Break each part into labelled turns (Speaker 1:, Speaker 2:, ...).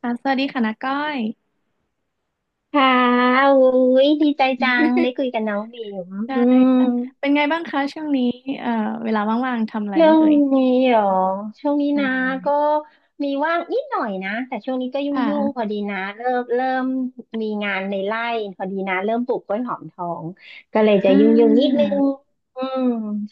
Speaker 1: ค่ะสวัสดีค่ะนาก้อย
Speaker 2: ค่ะอุ้ยดีใจจังได้ คุยกับน้องบิ๋ม
Speaker 1: ใช่
Speaker 2: อืม
Speaker 1: ค่ะเป็นไงบ้างคะช่วงนี้เอ่อเวลาว่างๆทำอะไร
Speaker 2: ช่
Speaker 1: บ้า
Speaker 2: ว
Speaker 1: ง
Speaker 2: ง
Speaker 1: เอ่ย
Speaker 2: นี้เหรอ ช่วงนี้
Speaker 1: อ่
Speaker 2: นะ
Speaker 1: า
Speaker 2: ก็มีว่างนิดหน่อยนะ แต่ช่วงนี้ก็ย
Speaker 1: ค
Speaker 2: ุ่งๆพอ
Speaker 1: ่ะ
Speaker 2: ดีนะเริ่มมีงานในไร่พอดีนะ เริ่มปลูกกล้วยหอมทอง ก็เลยจะ
Speaker 1: อ่า
Speaker 2: ยุ่งๆนิดนึงอืม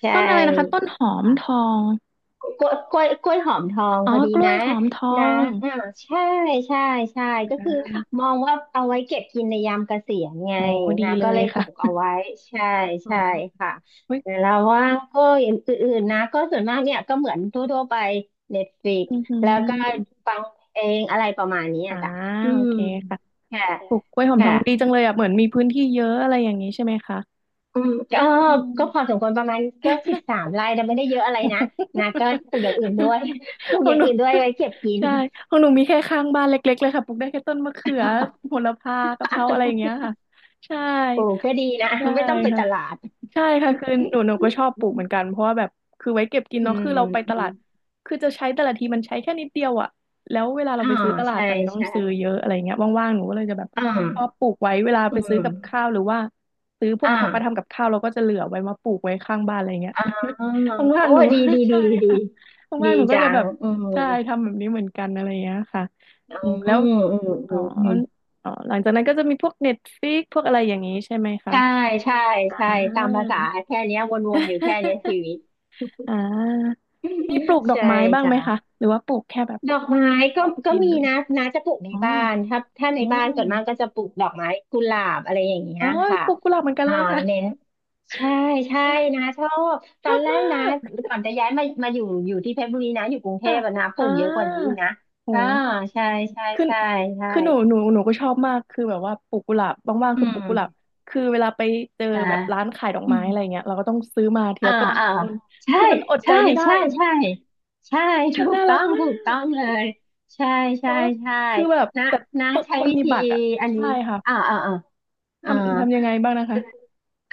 Speaker 2: ใช่
Speaker 1: ต้นอะไรนะคะต้นหอมทอง
Speaker 2: กล้วยหอมทอง
Speaker 1: อ๋อ
Speaker 2: พอดี
Speaker 1: กล้ว
Speaker 2: นะ
Speaker 1: ยหอมทอ
Speaker 2: นะ
Speaker 1: ง
Speaker 2: อ่าใช่ใช่ใช่ก็
Speaker 1: อ่
Speaker 2: คือ
Speaker 1: า
Speaker 2: มองว่าเอาไว้เก็บกินในยามเกษียณไง
Speaker 1: โอ้ดี
Speaker 2: นะ
Speaker 1: เล
Speaker 2: ก็
Speaker 1: ย
Speaker 2: เลยป
Speaker 1: ค่ะ
Speaker 2: ลูกเอาไว้ใช่
Speaker 1: อ๋อ
Speaker 2: ใช่ค่ะ
Speaker 1: เฮ้ย
Speaker 2: แล้วว่างก็อย่างอื่นๆนะก็ส่วนมากเนี่ยก็เหมือนทั่วๆไปเน t f l i ิก
Speaker 1: อือหื
Speaker 2: แล้วก็
Speaker 1: อ
Speaker 2: ฟังเองอะไรประมาณนี้
Speaker 1: อ่า
Speaker 2: อะจ้ะอื
Speaker 1: โอ
Speaker 2: ม
Speaker 1: เคค่ะ
Speaker 2: ค่ะ
Speaker 1: ปลูกกล้วยหอมท
Speaker 2: ค่ะ
Speaker 1: องดีจังเลยอ่ะเหมือนมีพื้นที่เยอะอะไรอย่างนี้ใช่ไหมคะ
Speaker 2: อืมก็
Speaker 1: อืม
Speaker 2: พอสมควรประมาณก็13 ไร่แต่ไม่ได้เยอะอะไรนะนะก็ปลูกอย่างอื่นด้ว ย ปลูก
Speaker 1: ขอ
Speaker 2: อ
Speaker 1: ง
Speaker 2: ย่า
Speaker 1: ห
Speaker 2: ง
Speaker 1: นู
Speaker 2: อื่นด้วยไว้เก็บกิน
Speaker 1: ใช่ของหนูมีแค่ข้างบ้านเล็กๆเลยค่ะปลูกได้แค่ต้นมะเขือโหระพากะเพราอะไรอย่างเงี้ยค่ะใช่
Speaker 2: โอ้ก็ดีนะ
Speaker 1: ใช่
Speaker 2: ไม่ต้องไป
Speaker 1: ค่ะ
Speaker 2: ตลาด
Speaker 1: ใช่ค่ะคือหนูก็ชอบปลูกเหมือนกันเพราะว่าแบบคือไว้เก็บกิน
Speaker 2: อื
Speaker 1: เนาะ
Speaker 2: ม
Speaker 1: คือเราไป
Speaker 2: อ
Speaker 1: ตลา
Speaker 2: ม
Speaker 1: ดคือจะใช้แต่ละทีมันใช้แค่นิดเดียวอะแล้วเวลาเรา
Speaker 2: อ่า
Speaker 1: ไปซื้อตลาด
Speaker 2: ใช่
Speaker 1: มันต้อง
Speaker 2: ใช่
Speaker 1: ซื้อเยอะอะไรเงี้ยว่างๆหนูก็เลยจะแบบ
Speaker 2: อ่
Speaker 1: ชอบ
Speaker 2: า
Speaker 1: ปลูกไว้เวลา
Speaker 2: อื
Speaker 1: ไปซื้อ
Speaker 2: ม
Speaker 1: กับข้าวหรือว่าซื้อพวก
Speaker 2: อ่า
Speaker 1: ผักมาทำกับข้าวเราก็จะเหลือไว้มาปลูกไว้ข้างบ้านอะไรเงี้ย
Speaker 2: อ่า
Speaker 1: ว่า
Speaker 2: โอ้
Speaker 1: งๆหนู
Speaker 2: ดีดี ดี
Speaker 1: ใช่
Speaker 2: ดี
Speaker 1: ค่ะ
Speaker 2: ดี
Speaker 1: ว่างๆหนูก็
Speaker 2: จั
Speaker 1: จะแบ
Speaker 2: ง
Speaker 1: บ
Speaker 2: อืม
Speaker 1: ใช่ทำแบบนี้เหมือนกันอะไรเงี้ยค่ะ
Speaker 2: อื
Speaker 1: อืม
Speaker 2: ม
Speaker 1: แล้
Speaker 2: อื
Speaker 1: ว
Speaker 2: ม
Speaker 1: อ๋
Speaker 2: อื
Speaker 1: อ
Speaker 2: มอืม
Speaker 1: อ๋อหลังจากนั้นก็จะมีพวก Netflix พวกอะไรอย่างนี้ใช่ไหมคะ
Speaker 2: ใช่ใช่
Speaker 1: อ่า
Speaker 2: ใช่ตามภาษาแค่เนี้ยวนๆอยู่แค่เนี้ยชี วิต
Speaker 1: อ่ามีปลู กดอก
Speaker 2: ใช่
Speaker 1: ไม้บ้างไหมคะ
Speaker 2: จ้ะ
Speaker 1: หรือว่าปลูกแค่แบบ
Speaker 2: ดอกไม้ก็
Speaker 1: ออก
Speaker 2: ก็
Speaker 1: กิน
Speaker 2: มี
Speaker 1: เลย
Speaker 2: นะน้าจะปลูกใน
Speaker 1: อ๋อ
Speaker 2: บ้านถ้าใน
Speaker 1: อ๋
Speaker 2: บ้านส่วนมาก
Speaker 1: อ
Speaker 2: ก็จะปลูกดอกไม้กุหลาบอะไรอย่างเงี้
Speaker 1: อ๋อ
Speaker 2: ยค่ะ
Speaker 1: ปลูกกุหลาบเหมือนกัน
Speaker 2: อ่า
Speaker 1: เลยค่ะ
Speaker 2: เน้นใช่ใช่นะชอบ
Speaker 1: ช
Speaker 2: ตอ
Speaker 1: อ
Speaker 2: น
Speaker 1: บ
Speaker 2: แร
Speaker 1: มา
Speaker 2: กนะ
Speaker 1: ก
Speaker 2: ก่อนจะย้ายมาอยู่อยู่ที่เพชรบุรีนะอยู่กรุงเท
Speaker 1: ค่ะ
Speaker 2: พอะนะป
Speaker 1: อ่
Speaker 2: ลูกเยอะกว่านี้อี
Speaker 1: า
Speaker 2: กนะอ่า
Speaker 1: โห
Speaker 2: ใช่ใช่
Speaker 1: คือ
Speaker 2: ใช่ใช่
Speaker 1: คือหนูก็ชอบมาก คือแบบว่าปลูกกุหลาบว่างๆ
Speaker 2: อื
Speaker 1: คือปลูกกุหลาบ
Speaker 2: ม
Speaker 1: คือเวลาไปเจอ
Speaker 2: นะ
Speaker 1: แบบร้านขายดอก
Speaker 2: อื
Speaker 1: ไม้
Speaker 2: ม
Speaker 1: อะไรเงี้ยเราก็ต้องซื้อมาที
Speaker 2: อ่า
Speaker 1: ละต้นส
Speaker 2: อ่า
Speaker 1: องต้น
Speaker 2: ใช่
Speaker 1: คือมันอดใจ
Speaker 2: ใช่
Speaker 1: ไม่ได้
Speaker 2: ใช่
Speaker 1: อะ
Speaker 2: ใช่ใช่
Speaker 1: มั
Speaker 2: ถู
Speaker 1: น
Speaker 2: ก
Speaker 1: น่า
Speaker 2: ต้
Speaker 1: รั
Speaker 2: อ
Speaker 1: ก
Speaker 2: ง
Speaker 1: มา
Speaker 2: ถูกต้อง
Speaker 1: ก
Speaker 2: เลยใช่
Speaker 1: แต่
Speaker 2: ใช่
Speaker 1: ว่า
Speaker 2: ใช่
Speaker 1: คือแบบ
Speaker 2: นะ
Speaker 1: แต่
Speaker 2: นะ
Speaker 1: ต้น
Speaker 2: ใช้
Speaker 1: ต้น
Speaker 2: วิ
Speaker 1: มี
Speaker 2: ธี
Speaker 1: บัตรอ่ะ
Speaker 2: อัน
Speaker 1: ใช่
Speaker 2: นี้
Speaker 1: ค่ะ
Speaker 2: อ่าอ่าอ่าอ่า
Speaker 1: ทำยังไงบ้างนะคะ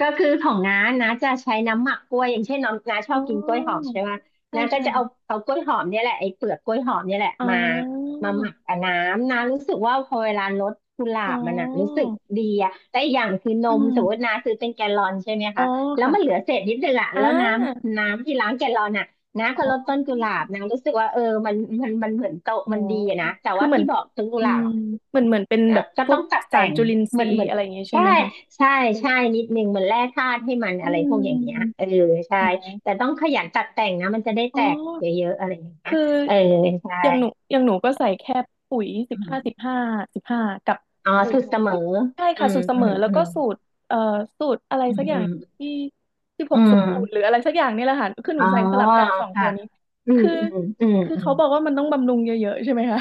Speaker 2: ก็คือของน้าน้าจะใช้น้ำหมักกล้วยอย่างเช่นน้องน้าช
Speaker 1: อ๋
Speaker 2: อบกินกล้วยหอม
Speaker 1: อ
Speaker 2: ใช่ไหม
Speaker 1: ใช่
Speaker 2: น้าก็
Speaker 1: ใช่
Speaker 2: จะเอา
Speaker 1: ค่ะ
Speaker 2: เอากล้วยหอมเนี่ยแหละไอ้เปลือกกล้วยหอมเนี่ยแหละ
Speaker 1: อ่
Speaker 2: มา
Speaker 1: า
Speaker 2: มาหมักกับน้ำน้ารู้สึกว่าพอเวลารดกุหลา
Speaker 1: อ๋อ
Speaker 2: บมันอะรู้สึกดีอะแต่อีกอย่างคือน
Speaker 1: อื
Speaker 2: มสมมติน้า
Speaker 1: ม
Speaker 2: ซื้อเป็นแกลลอนใช่ไหม
Speaker 1: อ๋อ
Speaker 2: คะแล้วมันเหลือ
Speaker 1: ค่ะ
Speaker 2: เศษนิดนึงอะ
Speaker 1: อ่
Speaker 2: แล้วน้
Speaker 1: า
Speaker 2: ำน้ำที่ล้างแกลลอนอะน้า
Speaker 1: อ๋อ
Speaker 2: ก็รดต้นกุหลาบน้ารู้สึกว่าเออมันมันเหมือนโตะ
Speaker 1: อ๋อ
Speaker 2: มันดีอะนะแต่
Speaker 1: คือ
Speaker 2: ว่า
Speaker 1: เหมือ
Speaker 2: ที่
Speaker 1: น
Speaker 2: บอกต้นกุ
Speaker 1: อื
Speaker 2: หลา
Speaker 1: ม
Speaker 2: บ
Speaker 1: เหมือนเป็นแบบ
Speaker 2: ก็
Speaker 1: พว
Speaker 2: ต้อ
Speaker 1: ก
Speaker 2: งตัด
Speaker 1: สา
Speaker 2: แต่
Speaker 1: ร
Speaker 2: ง
Speaker 1: จุลินท
Speaker 2: เหมื
Speaker 1: รี
Speaker 2: อน
Speaker 1: ย์
Speaker 2: เหมือน
Speaker 1: อะไรอย่างเงี้ยใช่
Speaker 2: ใช่
Speaker 1: ไหมคะ
Speaker 2: ใช่ใช่นิดนึงเหมือนแร่ธาตุให้มัน
Speaker 1: อื
Speaker 2: อะไรพวกอย่างเงี้ย
Speaker 1: ม
Speaker 2: เออใช่
Speaker 1: อ๋อ
Speaker 2: แต่ต้องขยันตัดแต่งนะมันจะได้
Speaker 1: อ๋
Speaker 2: แต
Speaker 1: อ
Speaker 2: กเยอะๆอะไรอย่างเงี้ย
Speaker 1: คือ
Speaker 2: เออใช่
Speaker 1: อย่างหนูก็ใส่แค่ปุ๋ยสิ
Speaker 2: อื
Speaker 1: บห้าสิ
Speaker 2: ม
Speaker 1: บห้าสิบห้ากับ
Speaker 2: อ๋อ
Speaker 1: ปุ๋ย
Speaker 2: สุดเสมอ
Speaker 1: ใช่
Speaker 2: อื
Speaker 1: ค่ะ
Speaker 2: ม
Speaker 1: สูตรเส
Speaker 2: อื
Speaker 1: มอ
Speaker 2: ม
Speaker 1: แล้ว
Speaker 2: อื
Speaker 1: ก็
Speaker 2: ม
Speaker 1: สูตรเอ่อสูตรอะไร
Speaker 2: อื
Speaker 1: สักอย่าง
Speaker 2: ม
Speaker 1: ที่สิบห
Speaker 2: อื
Speaker 1: กสูดสูดหรือ
Speaker 2: ม
Speaker 1: อะไรสักอย่างนี่แหละค่ะคือห
Speaker 2: อ๋
Speaker 1: นู
Speaker 2: อ
Speaker 1: ใส่สลับกันสองตั
Speaker 2: ค่ะ
Speaker 1: วนี้
Speaker 2: อืม
Speaker 1: คือ
Speaker 2: อืมอืมอืม
Speaker 1: เขาบอกว่ามันต้องบำรุงเยอะๆใช่ไหมคะ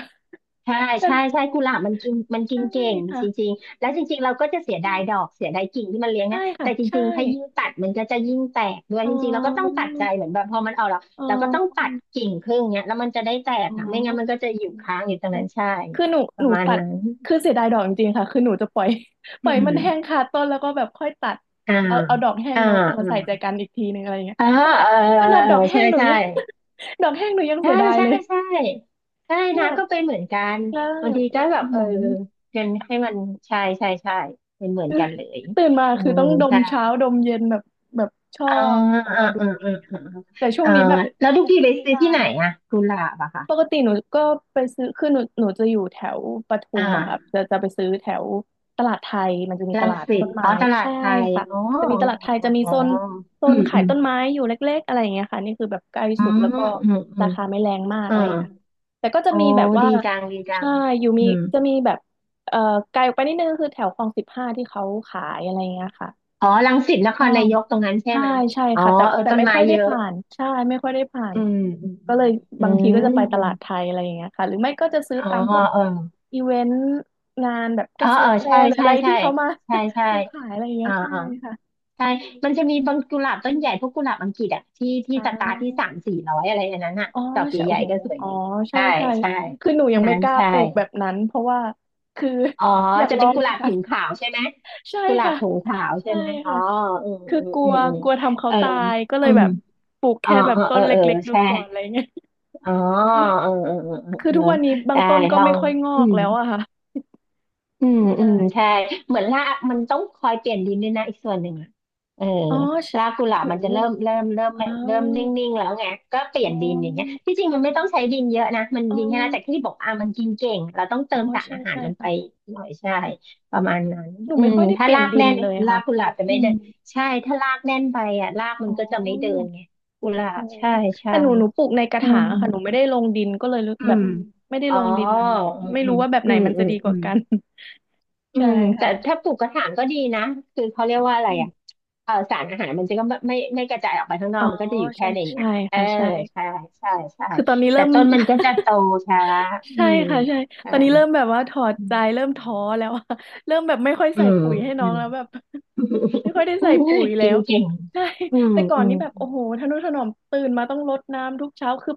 Speaker 2: ใช่ใช่
Speaker 1: แต่
Speaker 2: ใช่กุหลาบมันกินมันกิ
Speaker 1: ใช่
Speaker 2: นเก่งจ
Speaker 1: ค่ะ
Speaker 2: ริงๆแล้วจริงๆเราก็จะเสียดายดอกเสียดายกิ่งที่มันเลี้ยง
Speaker 1: ใช่
Speaker 2: นะ
Speaker 1: ค่ะ
Speaker 2: แต่จ
Speaker 1: ใช่
Speaker 2: ริงๆถ้ายิ่งตัดมันก็จะยิ่งแตกด้วย
Speaker 1: อ๋
Speaker 2: จริงๆเราก็ต้อง
Speaker 1: อ
Speaker 2: ตัดใจเหมือนแบบพอมันออกแล้ว
Speaker 1: อ๋
Speaker 2: เราก็ต้อง
Speaker 1: อ
Speaker 2: ตัดกิ่งครึ่งเนี้ยแล้วมันจะได้แตก
Speaker 1: อ๋อ
Speaker 2: อะไม่งั้นมันก็จะอยู่ค้างอยู่ตรงนั้นใช่
Speaker 1: คือหนู
Speaker 2: ป
Speaker 1: ห
Speaker 2: ระ
Speaker 1: นู
Speaker 2: มาณ
Speaker 1: ตัด
Speaker 2: นั้น
Speaker 1: คือเสียดายดอกจริงๆค่ะคือหนูจะปล่อย ป
Speaker 2: อื
Speaker 1: ล่อยมันแห้ง
Speaker 2: ม
Speaker 1: คาต้นแล้วก็แบบค่อยตัด
Speaker 2: อ่า
Speaker 1: เอาเอาดอกแห้ง
Speaker 2: อ่า
Speaker 1: มา
Speaker 2: อ
Speaker 1: มาใส่ใจกันอีกทีนึงอะไรอย่างเงี้ย
Speaker 2: ่า
Speaker 1: ขนาด
Speaker 2: อ่าเออเออ
Speaker 1: ด
Speaker 2: เอ
Speaker 1: อ
Speaker 2: อ
Speaker 1: กแห้
Speaker 2: ใช่
Speaker 1: งหนู
Speaker 2: ใช่
Speaker 1: ยัง ดอกแห้งหนูยัง
Speaker 2: ใช่
Speaker 1: เสียดาย
Speaker 2: ใช่
Speaker 1: เลย
Speaker 2: ใช่ใช่
Speaker 1: แบ
Speaker 2: นะ
Speaker 1: บ
Speaker 2: ก็
Speaker 1: มั
Speaker 2: เป็น
Speaker 1: น
Speaker 2: เหมือนกัน
Speaker 1: ได้
Speaker 2: บางที
Speaker 1: แบ
Speaker 2: ก็
Speaker 1: บ
Speaker 2: แบบ
Speaker 1: อื้อ
Speaker 2: เออ
Speaker 1: หือ
Speaker 2: เงินให้มันใช่ใช่ใช่เป็นเหมือน
Speaker 1: คือ
Speaker 2: กันเลย
Speaker 1: ตื่นมา
Speaker 2: อื
Speaker 1: คือ
Speaker 2: ม
Speaker 1: ต้องดม
Speaker 2: ใช่
Speaker 1: เช้าดมเย็นแบบแบบชอ
Speaker 2: อ่า
Speaker 1: บออก
Speaker 2: อ่า
Speaker 1: มาดู
Speaker 2: อ่า
Speaker 1: อะไร
Speaker 2: อ่า
Speaker 1: อย่างเงี้ย
Speaker 2: อ่า
Speaker 1: ค่ะแต่ช่วง
Speaker 2: อ่า
Speaker 1: นี้แบบ
Speaker 2: แล้วทุกทีไปซื้อ
Speaker 1: ใช่
Speaker 2: ที่ไหนอะกุหลาบอะค่ะ
Speaker 1: ปกติหนูก็ไปซื้อคือหนูจะอยู่แถวปทุ
Speaker 2: อ
Speaker 1: มอะค่ะ
Speaker 2: ่า
Speaker 1: จะไปซื้อแถวตลาดไทยมันจะมีต
Speaker 2: รัง
Speaker 1: ลาด
Speaker 2: สิ
Speaker 1: ต้
Speaker 2: ต
Speaker 1: น
Speaker 2: อ๋
Speaker 1: ไม้
Speaker 2: อตลาด
Speaker 1: ใช่
Speaker 2: ไทย
Speaker 1: ค่ะ
Speaker 2: อ๋อ
Speaker 1: จะมีตลาดไทยจะมี
Speaker 2: อ๋ออ๋อ
Speaker 1: โซนโซ
Speaker 2: อื
Speaker 1: น
Speaker 2: ม
Speaker 1: ขา
Speaker 2: อื
Speaker 1: ย
Speaker 2: ม
Speaker 1: ต้นไม้อยู่เล็กๆอะไรอย่างเงี้ยค่ะนี่คือแบบใกล้
Speaker 2: อื
Speaker 1: สุด
Speaker 2: ม
Speaker 1: แล้วก็
Speaker 2: อืมอื
Speaker 1: รา
Speaker 2: ม
Speaker 1: คาไม่แรงมาก
Speaker 2: อ่า
Speaker 1: อะไรอย่างเงี้ยค่ะแต่ก็จะ
Speaker 2: โอ้
Speaker 1: มีแบบว่า
Speaker 2: ดีจังดีจั
Speaker 1: ใช่
Speaker 2: ง
Speaker 1: อยู่มี
Speaker 2: อืม
Speaker 1: จะมีแบบเอ่อไกลออกไปนิดนึงคือแถวคลองสิบห้าที่เขาขายอะไรอย่างเงี้ยค่ะ
Speaker 2: อ๋อรังสิตนค
Speaker 1: ใช่
Speaker 2: รนายกตรงนั้นใช่
Speaker 1: ใช่
Speaker 2: ไหม
Speaker 1: ใช่
Speaker 2: อ๋อ
Speaker 1: ค่ะแต่
Speaker 2: เออ
Speaker 1: แต่
Speaker 2: ต้น
Speaker 1: ไม่
Speaker 2: ไม้
Speaker 1: ค่อย
Speaker 2: เย
Speaker 1: ได้
Speaker 2: อะ
Speaker 1: ผ่านใช่ไม่ค่อยได้ผ่าน
Speaker 2: อื
Speaker 1: ก็เล
Speaker 2: ม
Speaker 1: ย
Speaker 2: อื
Speaker 1: บางทีก็
Speaker 2: มอื
Speaker 1: จะไป
Speaker 2: ม
Speaker 1: ต
Speaker 2: อืม
Speaker 1: ลาดไทยอะไรอย่างเงี้ยค่ะหรือไม่ก็จะซื้อ
Speaker 2: อ๋อ
Speaker 1: ตามพวก
Speaker 2: เออ
Speaker 1: อีเวนต์งานแบบ
Speaker 2: เอ
Speaker 1: เก
Speaker 2: อ
Speaker 1: ษ
Speaker 2: เอ
Speaker 1: ต
Speaker 2: อ
Speaker 1: รแฟ
Speaker 2: ใช่
Speaker 1: ร์หรือ
Speaker 2: ใช่
Speaker 1: อะไร
Speaker 2: ใช่
Speaker 1: ที่เขามา
Speaker 2: ใช่ใช่
Speaker 1: มาขายอะไรอย่างเงี้
Speaker 2: อ่า
Speaker 1: ยใช่
Speaker 2: อ่า
Speaker 1: ค่ะ
Speaker 2: ใช่มันจะมีบางกุหลาบต้
Speaker 1: อื
Speaker 2: นใหญ่
Speaker 1: ม
Speaker 2: พวกกุหลาบอังกฤษอ่ะที่
Speaker 1: อ่
Speaker 2: สตาร์ทที่สา
Speaker 1: า
Speaker 2: มสี่ร้อยอะไรอันนั้นอ่ะ
Speaker 1: อ๋อ
Speaker 2: ดอก
Speaker 1: ใช่
Speaker 2: ให
Speaker 1: โอ้
Speaker 2: ญ่
Speaker 1: โห
Speaker 2: ๆก็สวย
Speaker 1: อ๋อ
Speaker 2: ดี
Speaker 1: ใช่
Speaker 2: ใช่
Speaker 1: ใช่
Speaker 2: ใช่
Speaker 1: คือหนู
Speaker 2: อั
Speaker 1: ยั
Speaker 2: น
Speaker 1: งไม่
Speaker 2: นั้น
Speaker 1: กล้า
Speaker 2: ใช่
Speaker 1: ปลูกแบบนั้นเพราะว่าคือ
Speaker 2: อ๋อ
Speaker 1: อยาก
Speaker 2: จะ
Speaker 1: ลอ
Speaker 2: เป็น
Speaker 1: ง
Speaker 2: กุห
Speaker 1: ดู
Speaker 2: ลาบ
Speaker 1: ก่อ
Speaker 2: ถุ
Speaker 1: น
Speaker 2: งขาวใช่ไหม
Speaker 1: ใช่
Speaker 2: กุหลาบ
Speaker 1: ค่ะ
Speaker 2: ถุงขาวใช่
Speaker 1: ใช่
Speaker 2: ไหมอ๋อ
Speaker 1: ค่ะ
Speaker 2: อืม
Speaker 1: คือ
Speaker 2: อืม
Speaker 1: กลั
Speaker 2: อื
Speaker 1: ว
Speaker 2: มอืม
Speaker 1: กลัวทำเขา
Speaker 2: เออ
Speaker 1: ตายก็เล
Speaker 2: อื
Speaker 1: ยแบ
Speaker 2: ม
Speaker 1: บปลูก
Speaker 2: อ๋อ
Speaker 1: แค่แบบ
Speaker 2: เออ
Speaker 1: ต้
Speaker 2: เอ
Speaker 1: น
Speaker 2: อ
Speaker 1: เล
Speaker 2: เออ
Speaker 1: ็กๆดู
Speaker 2: ใช่
Speaker 1: ก่อนอะไรเงี้ย
Speaker 2: อ๋อเออเออเออ
Speaker 1: คือ
Speaker 2: เอ
Speaker 1: ทุ
Speaker 2: อ
Speaker 1: กวันนี้บาง
Speaker 2: ได้
Speaker 1: ต้นก็
Speaker 2: ลอ
Speaker 1: ไม่
Speaker 2: ง
Speaker 1: ค่อยงอ
Speaker 2: อื
Speaker 1: ก
Speaker 2: ม
Speaker 1: แล้วอะค่ะ
Speaker 2: อืมอืม
Speaker 1: ใช่
Speaker 2: ใช่เหมือนรากมันต้องคอยเปลี่ยนดินด้วยนะอีกส่วนหนึ่งอะเออ
Speaker 1: อ๋อใช่
Speaker 2: รากกุหลา
Speaker 1: โอ้
Speaker 2: บ
Speaker 1: โห
Speaker 2: มันจะ
Speaker 1: อ้า
Speaker 2: เริ่มนิ่
Speaker 1: ว
Speaker 2: งๆแล้วไงก็เปลี่
Speaker 1: อ๋
Speaker 2: ยน
Speaker 1: อ
Speaker 2: ดินอย่างเงี้ยที่จริงมันไม่ต้องใช้ดินเยอะนะมัน
Speaker 1: อ๋อ
Speaker 2: ดินแค่นั้นแต่ที่บอกอ่ะมันกินเก่งเราต้องเติ
Speaker 1: อ๋อ
Speaker 2: มสาร
Speaker 1: ใช่
Speaker 2: อาหาร
Speaker 1: ใช่
Speaker 2: มันไป
Speaker 1: ค่ะ
Speaker 2: หน่อยใช่ประมาณนั้น
Speaker 1: หนู
Speaker 2: อื
Speaker 1: ไม่
Speaker 2: ม
Speaker 1: ค่อยได้
Speaker 2: ถ้า
Speaker 1: เปลี่ย
Speaker 2: รา
Speaker 1: น
Speaker 2: ก
Speaker 1: ดิ
Speaker 2: แน่
Speaker 1: น
Speaker 2: น
Speaker 1: เลย
Speaker 2: รา
Speaker 1: ค่ะ
Speaker 2: กกุหลาบจะ
Speaker 1: อื
Speaker 2: ไม่
Speaker 1: ม
Speaker 2: เดินใช่ถ้ารากแน่นไปอ่ะรากมั
Speaker 1: อ๋
Speaker 2: น
Speaker 1: อ
Speaker 2: ก็จะไม่เดินไงกุหลา
Speaker 1: โอ้
Speaker 2: บใช่ใช่
Speaker 1: แต่หนูปลูกในกระถางอะค่ะ หนูไม่ได้ลงดินก็เลยรู้
Speaker 2: อืมอื
Speaker 1: แบบ
Speaker 2: ม
Speaker 1: ไม่ได้
Speaker 2: อ๋อ
Speaker 1: ลงดินอะเนอะไม่
Speaker 2: อื
Speaker 1: รู้
Speaker 2: ม
Speaker 1: ว่าแบบ
Speaker 2: อื
Speaker 1: ไหน
Speaker 2: ม
Speaker 1: มัน
Speaker 2: อื
Speaker 1: จะ
Speaker 2: ม
Speaker 1: ดีก
Speaker 2: อื
Speaker 1: ว่า
Speaker 2: ม
Speaker 1: กัน
Speaker 2: อื
Speaker 1: ใช่
Speaker 2: มแต่
Speaker 1: ค่ะ
Speaker 2: ถ้าปลูกกระถางก็ดีนะคือเขาเรียกว่าอะไรอ่ะเออสารอาหารมันจะก็ไม่กระจายออกไปข้างนอ
Speaker 1: อ๋
Speaker 2: ก
Speaker 1: อ
Speaker 2: มันก็จะอยู่แค่
Speaker 1: ใช่
Speaker 2: ในเนี้
Speaker 1: ใช่
Speaker 2: ยเออ
Speaker 1: ค่ะใช่
Speaker 2: ใช่ใช่ใช่
Speaker 1: คือตอนนี้
Speaker 2: แต่
Speaker 1: เริ่ม
Speaker 2: ต้นมันก็จะโตช้าอื
Speaker 1: ใช่
Speaker 2: ม
Speaker 1: ค่ะใช่ต
Speaker 2: ใช่
Speaker 1: อนนี้เริ่มแบบว่าถอด
Speaker 2: อื
Speaker 1: ใจ
Speaker 2: ม
Speaker 1: เริ่มท้อแล้ว อะเริ่มแบบไม่ค่อย
Speaker 2: อื
Speaker 1: ใส่
Speaker 2: ม
Speaker 1: ปุ๋ยให้น้
Speaker 2: อื
Speaker 1: อง
Speaker 2: ม
Speaker 1: แล้วแบบ ไม่ค่อยได้ใส่ปุ๋ย
Speaker 2: จ
Speaker 1: แล้
Speaker 2: ริง
Speaker 1: ว
Speaker 2: จริง
Speaker 1: ใช่
Speaker 2: อืม
Speaker 1: แต่ก่อ
Speaker 2: อื
Speaker 1: นนี้
Speaker 2: ม
Speaker 1: แบบโอ้โหทะนุถนอมตื่นมาต้องรดน้ำทุกเช้าคือ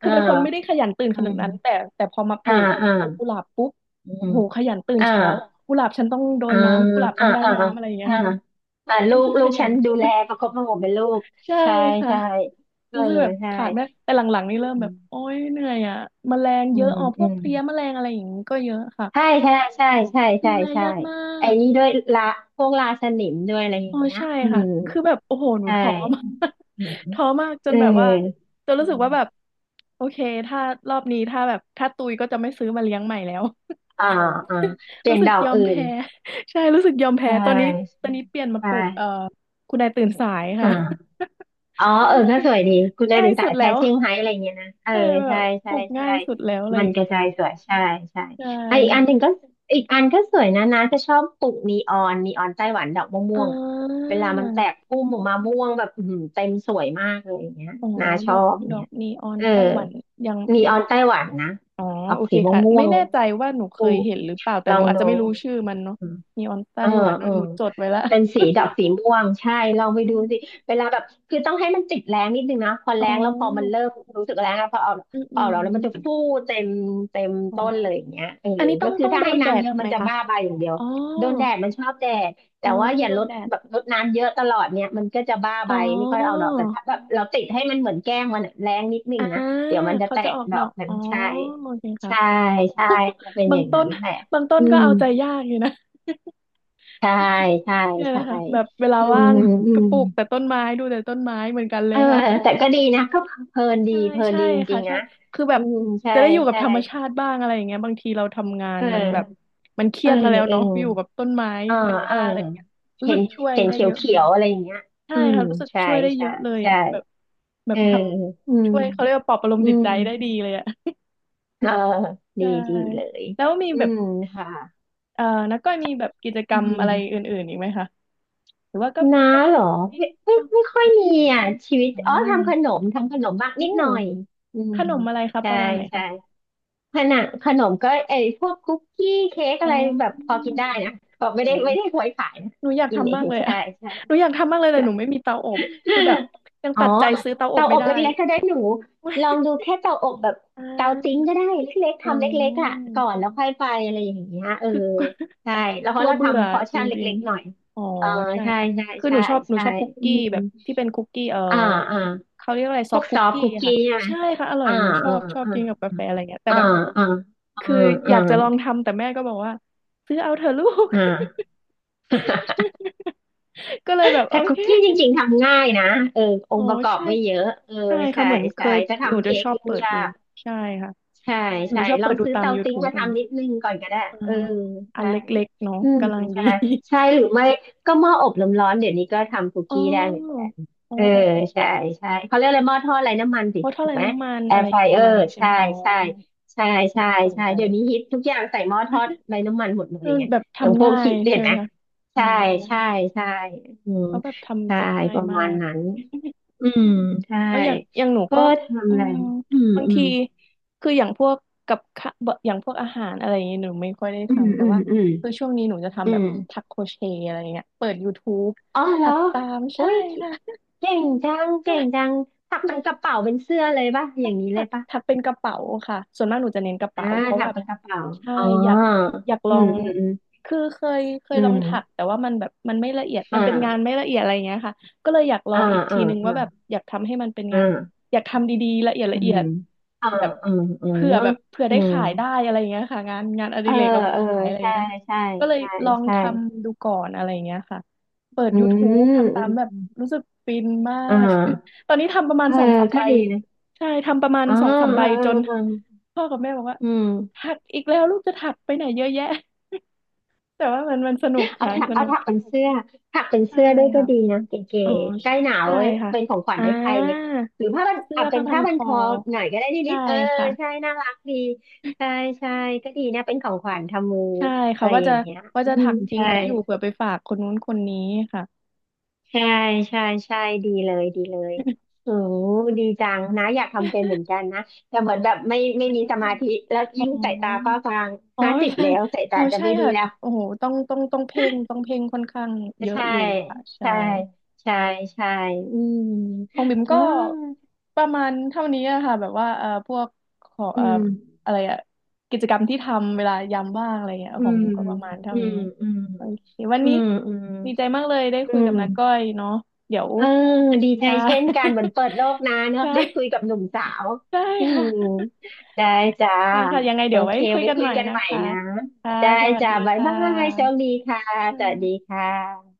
Speaker 1: คื
Speaker 2: อ่
Speaker 1: อเป็นคนไม่ได้
Speaker 2: า
Speaker 1: ขยันตื่นข
Speaker 2: อื
Speaker 1: นาดนั้นแต่
Speaker 2: ม
Speaker 1: แต่พอมาป
Speaker 2: อ่า
Speaker 1: ลูก
Speaker 2: อ่า
Speaker 1: ปลูกกุหลาบปุ๊บ
Speaker 2: อืม
Speaker 1: โอ้โหขยันตื่น
Speaker 2: อ่า
Speaker 1: เช้ากุหลาบฉันต้องโด
Speaker 2: อ่า
Speaker 1: นน้ำกุหลาบต้อ
Speaker 2: อ่า
Speaker 1: งได้
Speaker 2: อ่าอ่
Speaker 1: น้ำอะไรอย่างเงี้ย
Speaker 2: าอ่า ลู
Speaker 1: รู้
Speaker 2: ก
Speaker 1: สึกขยั
Speaker 2: ฉั
Speaker 1: น
Speaker 2: นดู
Speaker 1: ขึ้น
Speaker 2: แลประคบประหงมเป็นลูก
Speaker 1: ใช่
Speaker 2: ใช่
Speaker 1: ค่ะ
Speaker 2: ใช่เออ
Speaker 1: รู้สึกแบบ
Speaker 2: ใช่
Speaker 1: ขาดไม่แต่หลังๆนี่เริ่มแบบโอ๊ยเหนื่อยอ่ะแมลง
Speaker 2: อื
Speaker 1: เยอะ
Speaker 2: ม
Speaker 1: อ๋อพ
Speaker 2: อื
Speaker 1: วก
Speaker 2: ม
Speaker 1: เพลี้ยแมลงอะไรอย่างนี้ก็เยอะค่ะ
Speaker 2: ใช่ใช่ใช่ใช่
Speaker 1: ดู
Speaker 2: ใช่
Speaker 1: แล
Speaker 2: ใช่
Speaker 1: ยากมา
Speaker 2: ไอ้
Speaker 1: ก
Speaker 2: นี่ด้วยละพวกราสนิมด้วยอะไรอ
Speaker 1: อ๋
Speaker 2: ย่า
Speaker 1: อ
Speaker 2: งเงี้ย
Speaker 1: ใช่
Speaker 2: อื
Speaker 1: ค่ะ
Speaker 2: ม
Speaker 1: คือแบบโอ้โหหนู
Speaker 2: ใช่
Speaker 1: ท้อมาก
Speaker 2: อื ม
Speaker 1: ท้อมากจ
Speaker 2: เอ
Speaker 1: น
Speaker 2: อ
Speaker 1: แบบว่าจน
Speaker 2: อื
Speaker 1: รู้สึกว่าแบบ
Speaker 2: ม
Speaker 1: โอเคถ้ารอบนี้ถ้าแบบถ้าตุยก็จะไม่ซื้อมาเลี้ยงใหม่แล้ว
Speaker 2: อ่าอ่า เปลี่
Speaker 1: รู้
Speaker 2: ยน
Speaker 1: สึ
Speaker 2: ด
Speaker 1: ก
Speaker 2: อก
Speaker 1: ยอม
Speaker 2: อื่น
Speaker 1: แพ้ ใช่รู้สึกยอม
Speaker 2: ใช
Speaker 1: แพ้ตอนนี้
Speaker 2: ่
Speaker 1: ตอนนี้เปลี่ยนมา
Speaker 2: ใช่
Speaker 1: ปลูกคุณนายตื่นสายค่ะ
Speaker 2: อ่า อ๋อเออก็ สวยดีคุณได้
Speaker 1: ง่ายสุดง่า
Speaker 2: ถึ
Speaker 1: ย
Speaker 2: ง
Speaker 1: สุ
Speaker 2: สาย
Speaker 1: ด
Speaker 2: แท้
Speaker 1: แล้ว
Speaker 2: เชียงไฮ้อะไรเงี้ยนะเออ
Speaker 1: ใช่แบ
Speaker 2: ใช่
Speaker 1: บป
Speaker 2: ใช่
Speaker 1: ลูกง่า
Speaker 2: ใช่
Speaker 1: ยสุดแล้วอะไร
Speaker 2: มั
Speaker 1: อ
Speaker 2: น
Speaker 1: ย่าง
Speaker 2: ก
Speaker 1: เงี้
Speaker 2: ระจาย
Speaker 1: ย
Speaker 2: สวยใช่ใช่
Speaker 1: ใช่
Speaker 2: ไอะอีกอันหนึ่
Speaker 1: ค่ะ
Speaker 2: งก็อีกอันก็สวยนะนะจะชอบปลูกนีออนไต้หวันดอกม่
Speaker 1: อ่
Speaker 2: วงๆอ่ะ
Speaker 1: า
Speaker 2: เวลามันแตกพุ่มออกมาม่วงแบบอื้อหือเต็มสวยมากเลยอย่างเงี้ย
Speaker 1: อ๋อ
Speaker 2: นาช
Speaker 1: ดอ
Speaker 2: อ
Speaker 1: ก
Speaker 2: บอย่า
Speaker 1: ด
Speaker 2: ง
Speaker 1: อ
Speaker 2: เงี้
Speaker 1: ก
Speaker 2: ย
Speaker 1: นีออน
Speaker 2: เออ
Speaker 1: ไต้หวันยัง
Speaker 2: นี
Speaker 1: ยั
Speaker 2: อ
Speaker 1: ง
Speaker 2: อนไต้หวันนะ
Speaker 1: อ๋อ
Speaker 2: ออก
Speaker 1: โอเค
Speaker 2: สี
Speaker 1: ค่ะ
Speaker 2: ม่ว
Speaker 1: ไม่
Speaker 2: ง
Speaker 1: แน่ใจว่าหนู
Speaker 2: ๆ
Speaker 1: เค
Speaker 2: ปลู
Speaker 1: ยเห็นหรือเปล่าแต่
Speaker 2: กล
Speaker 1: ห
Speaker 2: อ
Speaker 1: นู
Speaker 2: ง
Speaker 1: อาจจะ
Speaker 2: ดู
Speaker 1: ไม่รู้ชื่อมันเนาะนีออนไต้
Speaker 2: เออ
Speaker 1: หวัน
Speaker 2: เออ
Speaker 1: หนูจดไว้ละ
Speaker 2: เป็นสีดอกสีม่วงใช่ลองไปดูสิเวลาแบบคือต้องให้มันติดแรงนิดนึงนะพอ
Speaker 1: อ๋
Speaker 2: แร
Speaker 1: อ
Speaker 2: งแล้วพอมันเริ่มรู้สึกแรงแล้วพอเอา
Speaker 1: อืม
Speaker 2: พ
Speaker 1: อื
Speaker 2: อเอา
Speaker 1: ม
Speaker 2: แล้วมันจะฟูเต็ม
Speaker 1: อ๋อ
Speaker 2: ต้นเลยอย่างเงี้ยเออ
Speaker 1: อันนี้ต้อ
Speaker 2: ก็
Speaker 1: ง
Speaker 2: คือ
Speaker 1: ต้อง
Speaker 2: ถ้า
Speaker 1: โด
Speaker 2: ให้
Speaker 1: นแด
Speaker 2: น้ำ
Speaker 1: ด
Speaker 2: เยอะ
Speaker 1: ไห
Speaker 2: มั
Speaker 1: ม
Speaker 2: นจะ
Speaker 1: คะ
Speaker 2: บ้าใบอย่างเดียว
Speaker 1: อ๋อ
Speaker 2: โดนแดดมันชอบแดด
Speaker 1: อ๋
Speaker 2: แต่
Speaker 1: อ
Speaker 2: ว่า
Speaker 1: ต้อ
Speaker 2: อ
Speaker 1: ง
Speaker 2: ย่า
Speaker 1: โด
Speaker 2: ล
Speaker 1: น
Speaker 2: ด
Speaker 1: แดด
Speaker 2: แบบลดน้ำเยอะตลอดเนี่ยมันก็จะบ้า
Speaker 1: อ๋
Speaker 2: ใบไม่ค่อยเอาด
Speaker 1: อ
Speaker 2: อกแต่ถ้าแบบเราติดให้มันเหมือนแกล้งมันอะแรงนิดนึ
Speaker 1: อ่า
Speaker 2: งนะเดี๋ยวมันจะ
Speaker 1: เขา
Speaker 2: แต
Speaker 1: จะ
Speaker 2: ก
Speaker 1: ออก
Speaker 2: ด
Speaker 1: ด
Speaker 2: อ
Speaker 1: อ
Speaker 2: ก
Speaker 1: ก
Speaker 2: มัน
Speaker 1: อ๋อ
Speaker 2: ใช่
Speaker 1: โอเคค่ะ
Speaker 2: ใช่ใช่จะเป็นอ
Speaker 1: บาง
Speaker 2: ย่าง
Speaker 1: ต้
Speaker 2: นั้
Speaker 1: น
Speaker 2: นแหละ
Speaker 1: บางต้
Speaker 2: อื
Speaker 1: นก็
Speaker 2: ม
Speaker 1: เอาใจยากอยู่นะ
Speaker 2: ใช่ใช่
Speaker 1: เนี่ย
Speaker 2: ใช่
Speaker 1: นะคะแบบเวลา
Speaker 2: อืม
Speaker 1: ว่าง
Speaker 2: อื
Speaker 1: ก็
Speaker 2: ม
Speaker 1: ปลูกแต่ต้นไม้ดูแต่ต้นไม้เหมือนกันเล
Speaker 2: เอ
Speaker 1: ย
Speaker 2: อ
Speaker 1: ค่ะ
Speaker 2: แต่ก็ดีนะก็เพลินดี
Speaker 1: ใช่
Speaker 2: เพลิน
Speaker 1: ใช่
Speaker 2: ดีจริ
Speaker 1: ค่ะ
Speaker 2: งๆ
Speaker 1: ใช่
Speaker 2: นะ
Speaker 1: คือแบ
Speaker 2: อื
Speaker 1: บ
Speaker 2: มใช่
Speaker 1: จะได้อยู่กับ
Speaker 2: ใช่
Speaker 1: ธรรมชาติบ้างอะไรอย่างเงี้ยบางทีเราทำงาน
Speaker 2: เอ
Speaker 1: มันแบบ
Speaker 2: อ
Speaker 1: มันเครี
Speaker 2: เออ
Speaker 1: ยดมาแล้ว
Speaker 2: เออ
Speaker 1: เนาะอยู่กับต้นไม้
Speaker 2: เออ
Speaker 1: ใบห
Speaker 2: เอ
Speaker 1: ญ้า
Speaker 2: อ
Speaker 1: อะไรอย่างเงี้ยรู้
Speaker 2: เห็
Speaker 1: สึ
Speaker 2: น
Speaker 1: กช่วย
Speaker 2: เห็น
Speaker 1: ได้
Speaker 2: เขีย
Speaker 1: เย
Speaker 2: ว
Speaker 1: อะเล
Speaker 2: เขีย
Speaker 1: ย
Speaker 2: วอะไรอย่างเงี้ย
Speaker 1: ใช่
Speaker 2: อืม
Speaker 1: ค่ะรู้สึก
Speaker 2: ใช่
Speaker 1: ช่วยได้เย
Speaker 2: ใช่
Speaker 1: อะเลย
Speaker 2: ใช่
Speaker 1: อ่ะแบบแบ
Speaker 2: เอ
Speaker 1: บ
Speaker 2: อ
Speaker 1: ท
Speaker 2: อื
Speaker 1: ำ
Speaker 2: ม
Speaker 1: ช่วยเขาเรียกว่าปลอบประโลม
Speaker 2: อื
Speaker 1: จิต
Speaker 2: ม
Speaker 1: ใจได้ดีเลยอ่ะ
Speaker 2: เออ ดี
Speaker 1: ใช่
Speaker 2: ดีเลย
Speaker 1: แล้วมี
Speaker 2: อื
Speaker 1: แบบ
Speaker 2: มค่ะ
Speaker 1: เอ่อนักก้อยมีแบบกิจกร
Speaker 2: อื
Speaker 1: รมอะไร
Speaker 2: ม
Speaker 1: อื่นๆอีกไหมคะหรือว่าก็
Speaker 2: น้า
Speaker 1: มีพวก
Speaker 2: เหร
Speaker 1: แบ
Speaker 2: อ
Speaker 1: บที่
Speaker 2: ไม่
Speaker 1: ป้อง
Speaker 2: ไม่ค่อย
Speaker 1: อะไร
Speaker 2: มี
Speaker 1: อย่างเงี้ย
Speaker 2: อ่ะชีวิต
Speaker 1: อ่า
Speaker 2: อ๋อทำขนมบ้าง
Speaker 1: อู้
Speaker 2: นิดหน่อยอืม
Speaker 1: ขนมอะไรครับ
Speaker 2: ใช่
Speaker 1: ประมาณไหน
Speaker 2: ใช่
Speaker 1: คะ
Speaker 2: ขนมก็ไอ้พวกคุกกี้เค้ก
Speaker 1: อ๋
Speaker 2: อะ
Speaker 1: อ
Speaker 2: ไรแบบพอกินได้นะก็
Speaker 1: โห
Speaker 2: ไม่ได้ควยขายนะ
Speaker 1: หนูอยาก
Speaker 2: กินเอ
Speaker 1: ทำมาก
Speaker 2: ง
Speaker 1: เลย
Speaker 2: ใช่
Speaker 1: อะ
Speaker 2: ใช่
Speaker 1: หนูอยากทำมากเลยแต่หนูไม่มีเตาอบ คือแบบยัง
Speaker 2: อ๋อ
Speaker 1: ตัดใจซื้อเตาอบ
Speaker 2: เตา
Speaker 1: ไม่
Speaker 2: อบ
Speaker 1: ได้
Speaker 2: เล็กๆก็ได้หนูลอง ดูแค่เตาอบแบบ
Speaker 1: อ่
Speaker 2: เตาติ้ง
Speaker 1: า
Speaker 2: ก็ได้เล็กๆ
Speaker 1: โอ้
Speaker 2: ทำเล็กๆอ่ะก่อนแล้วค่อยไปอะไรอย่างเงี้ยเอ อ
Speaker 1: คือกลัว
Speaker 2: ใช่แล้วเพ
Speaker 1: กลั
Speaker 2: ราะ
Speaker 1: ว
Speaker 2: เรา
Speaker 1: เบื่อ
Speaker 2: ทำพอร์
Speaker 1: จ
Speaker 2: ชั่น
Speaker 1: ริง
Speaker 2: เล็กๆหน่อย
Speaker 1: ๆอ๋อ
Speaker 2: เออ
Speaker 1: ใช่
Speaker 2: ใช่
Speaker 1: ค่ะ
Speaker 2: ใช่
Speaker 1: คือห
Speaker 2: ใช่
Speaker 1: นูชอบหนู
Speaker 2: ใช่
Speaker 1: ชอบคุก
Speaker 2: อื
Speaker 1: กี้
Speaker 2: ม
Speaker 1: แบบที่เป็นคุกกี้เออ
Speaker 2: อ่าอ่า
Speaker 1: เขาเรียกว่าอะไร
Speaker 2: พ
Speaker 1: ซอ
Speaker 2: ว
Speaker 1: ฟ
Speaker 2: กซ
Speaker 1: คุ
Speaker 2: อ
Speaker 1: ก
Speaker 2: ฟต์
Speaker 1: กี้
Speaker 2: คุกกี้
Speaker 1: ค่ะ
Speaker 2: ใช่ไหม
Speaker 1: ใช่ค่ะอร่อย
Speaker 2: อ่า
Speaker 1: หนูชอ
Speaker 2: อ่า
Speaker 1: บชอบ
Speaker 2: อ่า
Speaker 1: กินกับกาแฟอะไรเงี้ยแต่
Speaker 2: อ่า
Speaker 1: แบบ
Speaker 2: อ่าอ่า
Speaker 1: คืออ
Speaker 2: อ่า
Speaker 1: ยากจะลองทำแต่แม่ก็บอกว่าซื้อเอาเถอะลูก
Speaker 2: อ่า
Speaker 1: ก็เลยแบบ
Speaker 2: แต่
Speaker 1: โอ
Speaker 2: คุ
Speaker 1: เค
Speaker 2: กกี้จริงๆทำง่ายนะเอออ
Speaker 1: อ๋
Speaker 2: ง
Speaker 1: อ
Speaker 2: ค์ประกอบ
Speaker 1: ใช่
Speaker 2: ไม่เยอะเออ
Speaker 1: ใช่ค่ะ
Speaker 2: ใช่
Speaker 1: เหมือนเค
Speaker 2: ใช่
Speaker 1: ย
Speaker 2: ถ้า
Speaker 1: หนู
Speaker 2: ทำ
Speaker 1: จะ
Speaker 2: เค้
Speaker 1: ช
Speaker 2: ก
Speaker 1: อบ
Speaker 2: ยุ่ง
Speaker 1: เปิด
Speaker 2: ยา
Speaker 1: ดู
Speaker 2: ก
Speaker 1: ใช่ค่ะ
Speaker 2: ใช่
Speaker 1: หนู
Speaker 2: ใช่
Speaker 1: ชอบ
Speaker 2: ลอ
Speaker 1: เปิ
Speaker 2: ง
Speaker 1: ดดู
Speaker 2: ซื้อ
Speaker 1: ตาม
Speaker 2: เตาติ้ง
Speaker 1: YouTube
Speaker 2: มา
Speaker 1: อะไร
Speaker 2: ทำนิ
Speaker 1: เงี้ย
Speaker 2: ดนึงก่อนก็ได้
Speaker 1: อ่า
Speaker 2: เออ
Speaker 1: อัน
Speaker 2: ใช่
Speaker 1: เล็กๆเนาะ
Speaker 2: อืม
Speaker 1: กำลังดี
Speaker 2: ใช่ใช่หรือไม่ก็หม้ออบลมร้อนเดี๋ยวนี้ก็ทำคุก
Speaker 1: อ๋
Speaker 2: กี้ได้เหมือนกั
Speaker 1: อ
Speaker 2: น
Speaker 1: อ๋อ
Speaker 2: เออ
Speaker 1: อ๋ออ
Speaker 2: ใช่ใช่เขาเรียกอะไรหม้อทอดไร้น้ำมันสิ
Speaker 1: ๋อลดเท่า
Speaker 2: ถู
Speaker 1: ไหร่
Speaker 2: กไหม
Speaker 1: น้ำมัน
Speaker 2: แอ
Speaker 1: อะไร
Speaker 2: ร์ไฟ
Speaker 1: ป
Speaker 2: เอ
Speaker 1: ระ
Speaker 2: อ
Speaker 1: มาณ
Speaker 2: ร์
Speaker 1: นี้ใช่ไหม
Speaker 2: ใช่
Speaker 1: คะอ๋อ
Speaker 2: ใช่ใช่ใช่
Speaker 1: น่าสน
Speaker 2: ใช่
Speaker 1: ใจ
Speaker 2: เดี๋ยวนี้ฮิตทุกอย่างใส่หม้อทอดไร้น้ำมันหมดเลย
Speaker 1: เออ
Speaker 2: ไง
Speaker 1: แบบ
Speaker 2: อย่างพ
Speaker 1: ทำ
Speaker 2: วก
Speaker 1: ง่า
Speaker 2: คิ
Speaker 1: ย
Speaker 2: ด
Speaker 1: ใช่
Speaker 2: เห็น
Speaker 1: ไหม
Speaker 2: ไหม
Speaker 1: คะอ๋อ
Speaker 2: ใช่ใช่ใช่อืม
Speaker 1: เขาแบบ
Speaker 2: ใช่
Speaker 1: ทำกันง่า
Speaker 2: ป
Speaker 1: ย
Speaker 2: ระ
Speaker 1: มา
Speaker 2: มาณ
Speaker 1: ก
Speaker 2: นั้น อืมใช่
Speaker 1: แล้วอย่างอย่างหนู
Speaker 2: ก็
Speaker 1: ก็
Speaker 2: ทำ
Speaker 1: อื
Speaker 2: อะไร
Speaker 1: ม
Speaker 2: อืม
Speaker 1: บาง
Speaker 2: อืม
Speaker 1: ที คืออย่างพวกกับข้าบะอย่างพวกอาหารอะไรอย่างเงี้ยหนูไม่ค่อยได้
Speaker 2: อืม
Speaker 1: ทำ แต่
Speaker 2: อืม
Speaker 1: ว่า
Speaker 2: อืม
Speaker 1: คือช่วงนี้หนูจะ
Speaker 2: อื
Speaker 1: ทำแบบ
Speaker 2: ม
Speaker 1: ทักโครเชต์อะไรอย่างเงี้ยเปิด YouTube
Speaker 2: อ๋อ
Speaker 1: ถั
Speaker 2: แล้
Speaker 1: ด
Speaker 2: ว
Speaker 1: ตาม
Speaker 2: อุ้
Speaker 1: ใช่
Speaker 2: ย
Speaker 1: ค่ะ
Speaker 2: เก่งจังเก่งจังถักเป็นก ระเป๋าเป็นเสื้อเลยป่ะอย่างนี้เล
Speaker 1: ถั
Speaker 2: ย
Speaker 1: ก
Speaker 2: ป่ะ
Speaker 1: ถักเป็นกระเป๋าค่ะ ส่วนมากหนูจะเน้นกระเป๋า
Speaker 2: อ่า
Speaker 1: เพราะ
Speaker 2: ถั
Speaker 1: ว่า
Speaker 2: กเป็นกระเป๋า
Speaker 1: ใช่
Speaker 2: อ๋อ
Speaker 1: อยากอยากล
Speaker 2: อื
Speaker 1: อ
Speaker 2: ม
Speaker 1: ง
Speaker 2: อืมอืม
Speaker 1: คือเคย
Speaker 2: อื
Speaker 1: ลอง
Speaker 2: ม
Speaker 1: ถักแต่ว่ามันแบบมันไม่ละเอียด
Speaker 2: อ่
Speaker 1: มันเป็นงาน
Speaker 2: า
Speaker 1: ไม่ละเอียดอะไรอยงเงี้ยค่ะก็เลยอยากลอ
Speaker 2: อ่า
Speaker 1: งอีก
Speaker 2: อ่า
Speaker 1: ทีนึง
Speaker 2: อ่า
Speaker 1: ว่าแบบอยากทำให้มันเป็นงาน
Speaker 2: อ่า
Speaker 1: อยากทำดีๆละเอียด
Speaker 2: อื
Speaker 1: ละเอี
Speaker 2: ม
Speaker 1: ยด
Speaker 2: อ่า
Speaker 1: แบบ
Speaker 2: อ่าอ่า
Speaker 1: เผื่อ
Speaker 2: อื
Speaker 1: ได้
Speaker 2: ม
Speaker 1: ขายได้อะไรอย่างเงี้ยค่ะงานงานอ
Speaker 2: เอ
Speaker 1: ดิ
Speaker 2: อ
Speaker 1: เรกเอาไป
Speaker 2: เออ
Speaker 1: ขายอะไรา
Speaker 2: ใช่
Speaker 1: เงี้ยค่ะ
Speaker 2: ใช่
Speaker 1: ก็เลย
Speaker 2: ใช่
Speaker 1: ลอง
Speaker 2: ใช่
Speaker 1: ทำดูก่อนอะไรอย่งเงี้ยค่ะเปิด
Speaker 2: อื
Speaker 1: ยู u ู u b
Speaker 2: ม
Speaker 1: ทำ
Speaker 2: อื
Speaker 1: ตามแบบ
Speaker 2: ม
Speaker 1: รู้สึกฟินมา
Speaker 2: อมอ่
Speaker 1: ก
Speaker 2: า
Speaker 1: ตอนนี้ทำประมาณ
Speaker 2: เออ
Speaker 1: สองสามใบ
Speaker 2: ก็ดีนะ
Speaker 1: ใช่ทำประมาณ
Speaker 2: อ๋อ
Speaker 1: สอ
Speaker 2: เ
Speaker 1: งสามใบ
Speaker 2: ออเอ
Speaker 1: จ
Speaker 2: อ
Speaker 1: น
Speaker 2: เออ
Speaker 1: พ่อกับแม่บอกว่า
Speaker 2: อืม
Speaker 1: ถักอีกแล้วลูกจะถักไปไหนเยอะแยะ แต่ว่ามันมันสนุก
Speaker 2: เอา
Speaker 1: ค่ะ
Speaker 2: ถัก
Speaker 1: สนุก
Speaker 2: เป็นเสื้อถักเป็น
Speaker 1: ใช่
Speaker 2: เสื้อด้วยก็
Speaker 1: ค่ะ
Speaker 2: ดีนะเก๋
Speaker 1: อ๋อ
Speaker 2: ๆใกล้หนาว
Speaker 1: ใช่
Speaker 2: เว้ย
Speaker 1: ค่ะ
Speaker 2: เป็นของขวัญ
Speaker 1: อ่า
Speaker 2: ให้ใครไงหรือผ้าบัน
Speaker 1: เสื้อ
Speaker 2: อ่ะเป็
Speaker 1: ผ้า
Speaker 2: น
Speaker 1: พั
Speaker 2: ผ้า
Speaker 1: นค
Speaker 2: บัน
Speaker 1: อ
Speaker 2: คอหน่อยก็ได้นิ
Speaker 1: ใช่
Speaker 2: ดๆเออ
Speaker 1: ค่ะ
Speaker 2: ใช่น่ารักดีใช่ใช่ก็ดีนะเป็นของขวัญทำมือ
Speaker 1: ใช่
Speaker 2: อะ
Speaker 1: ค่ะ
Speaker 2: ไร
Speaker 1: ว่า
Speaker 2: อ
Speaker 1: จะ
Speaker 2: ย่างเงี้ย
Speaker 1: ว่า
Speaker 2: อื
Speaker 1: จะ
Speaker 2: ม
Speaker 1: ถักทิ้ง
Speaker 2: ใช่
Speaker 1: ไว้อยู่เผื่อไปฝากคนนู้นคนนี้ค่ะ
Speaker 2: ใช่ใช่ใช่ดีเลยดีเลยโอ้ดีจังนะอยากทำเป็นเหมือนกันนะแต่เหมือนแบบไม่
Speaker 1: อื
Speaker 2: มีส
Speaker 1: ม
Speaker 2: มาธิแล้ว
Speaker 1: อ๋อ
Speaker 2: ยิ่งสายตาฟ้าฟาง
Speaker 1: อ๋อ
Speaker 2: 50
Speaker 1: ใช่
Speaker 2: แล้วสายตา
Speaker 1: อ๋อ
Speaker 2: จะ
Speaker 1: ใช่
Speaker 2: ไม่ดี
Speaker 1: ค่ะ
Speaker 2: แล้ว
Speaker 1: โอ้โหต้องเพ่งต้องเพ่งค่อนข้างเยอะ
Speaker 2: ใช่
Speaker 1: อยู่ค่ะใช่
Speaker 2: ใช่ใช่ใช่อืม
Speaker 1: ของบิ่มก็
Speaker 2: อ่า
Speaker 1: ประมาณเท่านี้อะค่ะแบบว่าพวกของ
Speaker 2: อืม
Speaker 1: อะไรอะกิจกรรมที่ทำเวลายามว่างอะไรเงี้ย
Speaker 2: อื
Speaker 1: ของ
Speaker 2: ม
Speaker 1: บิ่มก็ประมาณเท่า
Speaker 2: อืม
Speaker 1: นี้
Speaker 2: อืม
Speaker 1: โอเควัน
Speaker 2: อื
Speaker 1: นี้
Speaker 2: มอืม
Speaker 1: ดีใจมากเลยได้
Speaker 2: อื
Speaker 1: คุยกับ
Speaker 2: ม
Speaker 1: น้าก้อยเนาะเดี๋ยว
Speaker 2: เออดีใจ
Speaker 1: ได้
Speaker 2: เช่นกันเหมือนเปิดโลกนะเน อะ
Speaker 1: ได้
Speaker 2: ได้คุยกับหนุ่มสาว
Speaker 1: ได้
Speaker 2: อื
Speaker 1: ค่ะ
Speaker 2: มได้จ้า
Speaker 1: ได้ค่ะยังไง
Speaker 2: โอ
Speaker 1: เดี๋ยวไว้
Speaker 2: เค
Speaker 1: คุย
Speaker 2: ไว้
Speaker 1: กัน
Speaker 2: คุ
Speaker 1: ให
Speaker 2: ย
Speaker 1: ม่
Speaker 2: กัน
Speaker 1: นะ
Speaker 2: ใหม่
Speaker 1: คะ
Speaker 2: นะ
Speaker 1: ค่ะ
Speaker 2: ได้
Speaker 1: สวัส
Speaker 2: จ้า
Speaker 1: ดี
Speaker 2: บ๊าย
Speaker 1: ค่
Speaker 2: บายโชค
Speaker 1: ะ
Speaker 2: ดีค่ะสวัสดี
Speaker 1: ค่ะ
Speaker 2: ค่ะ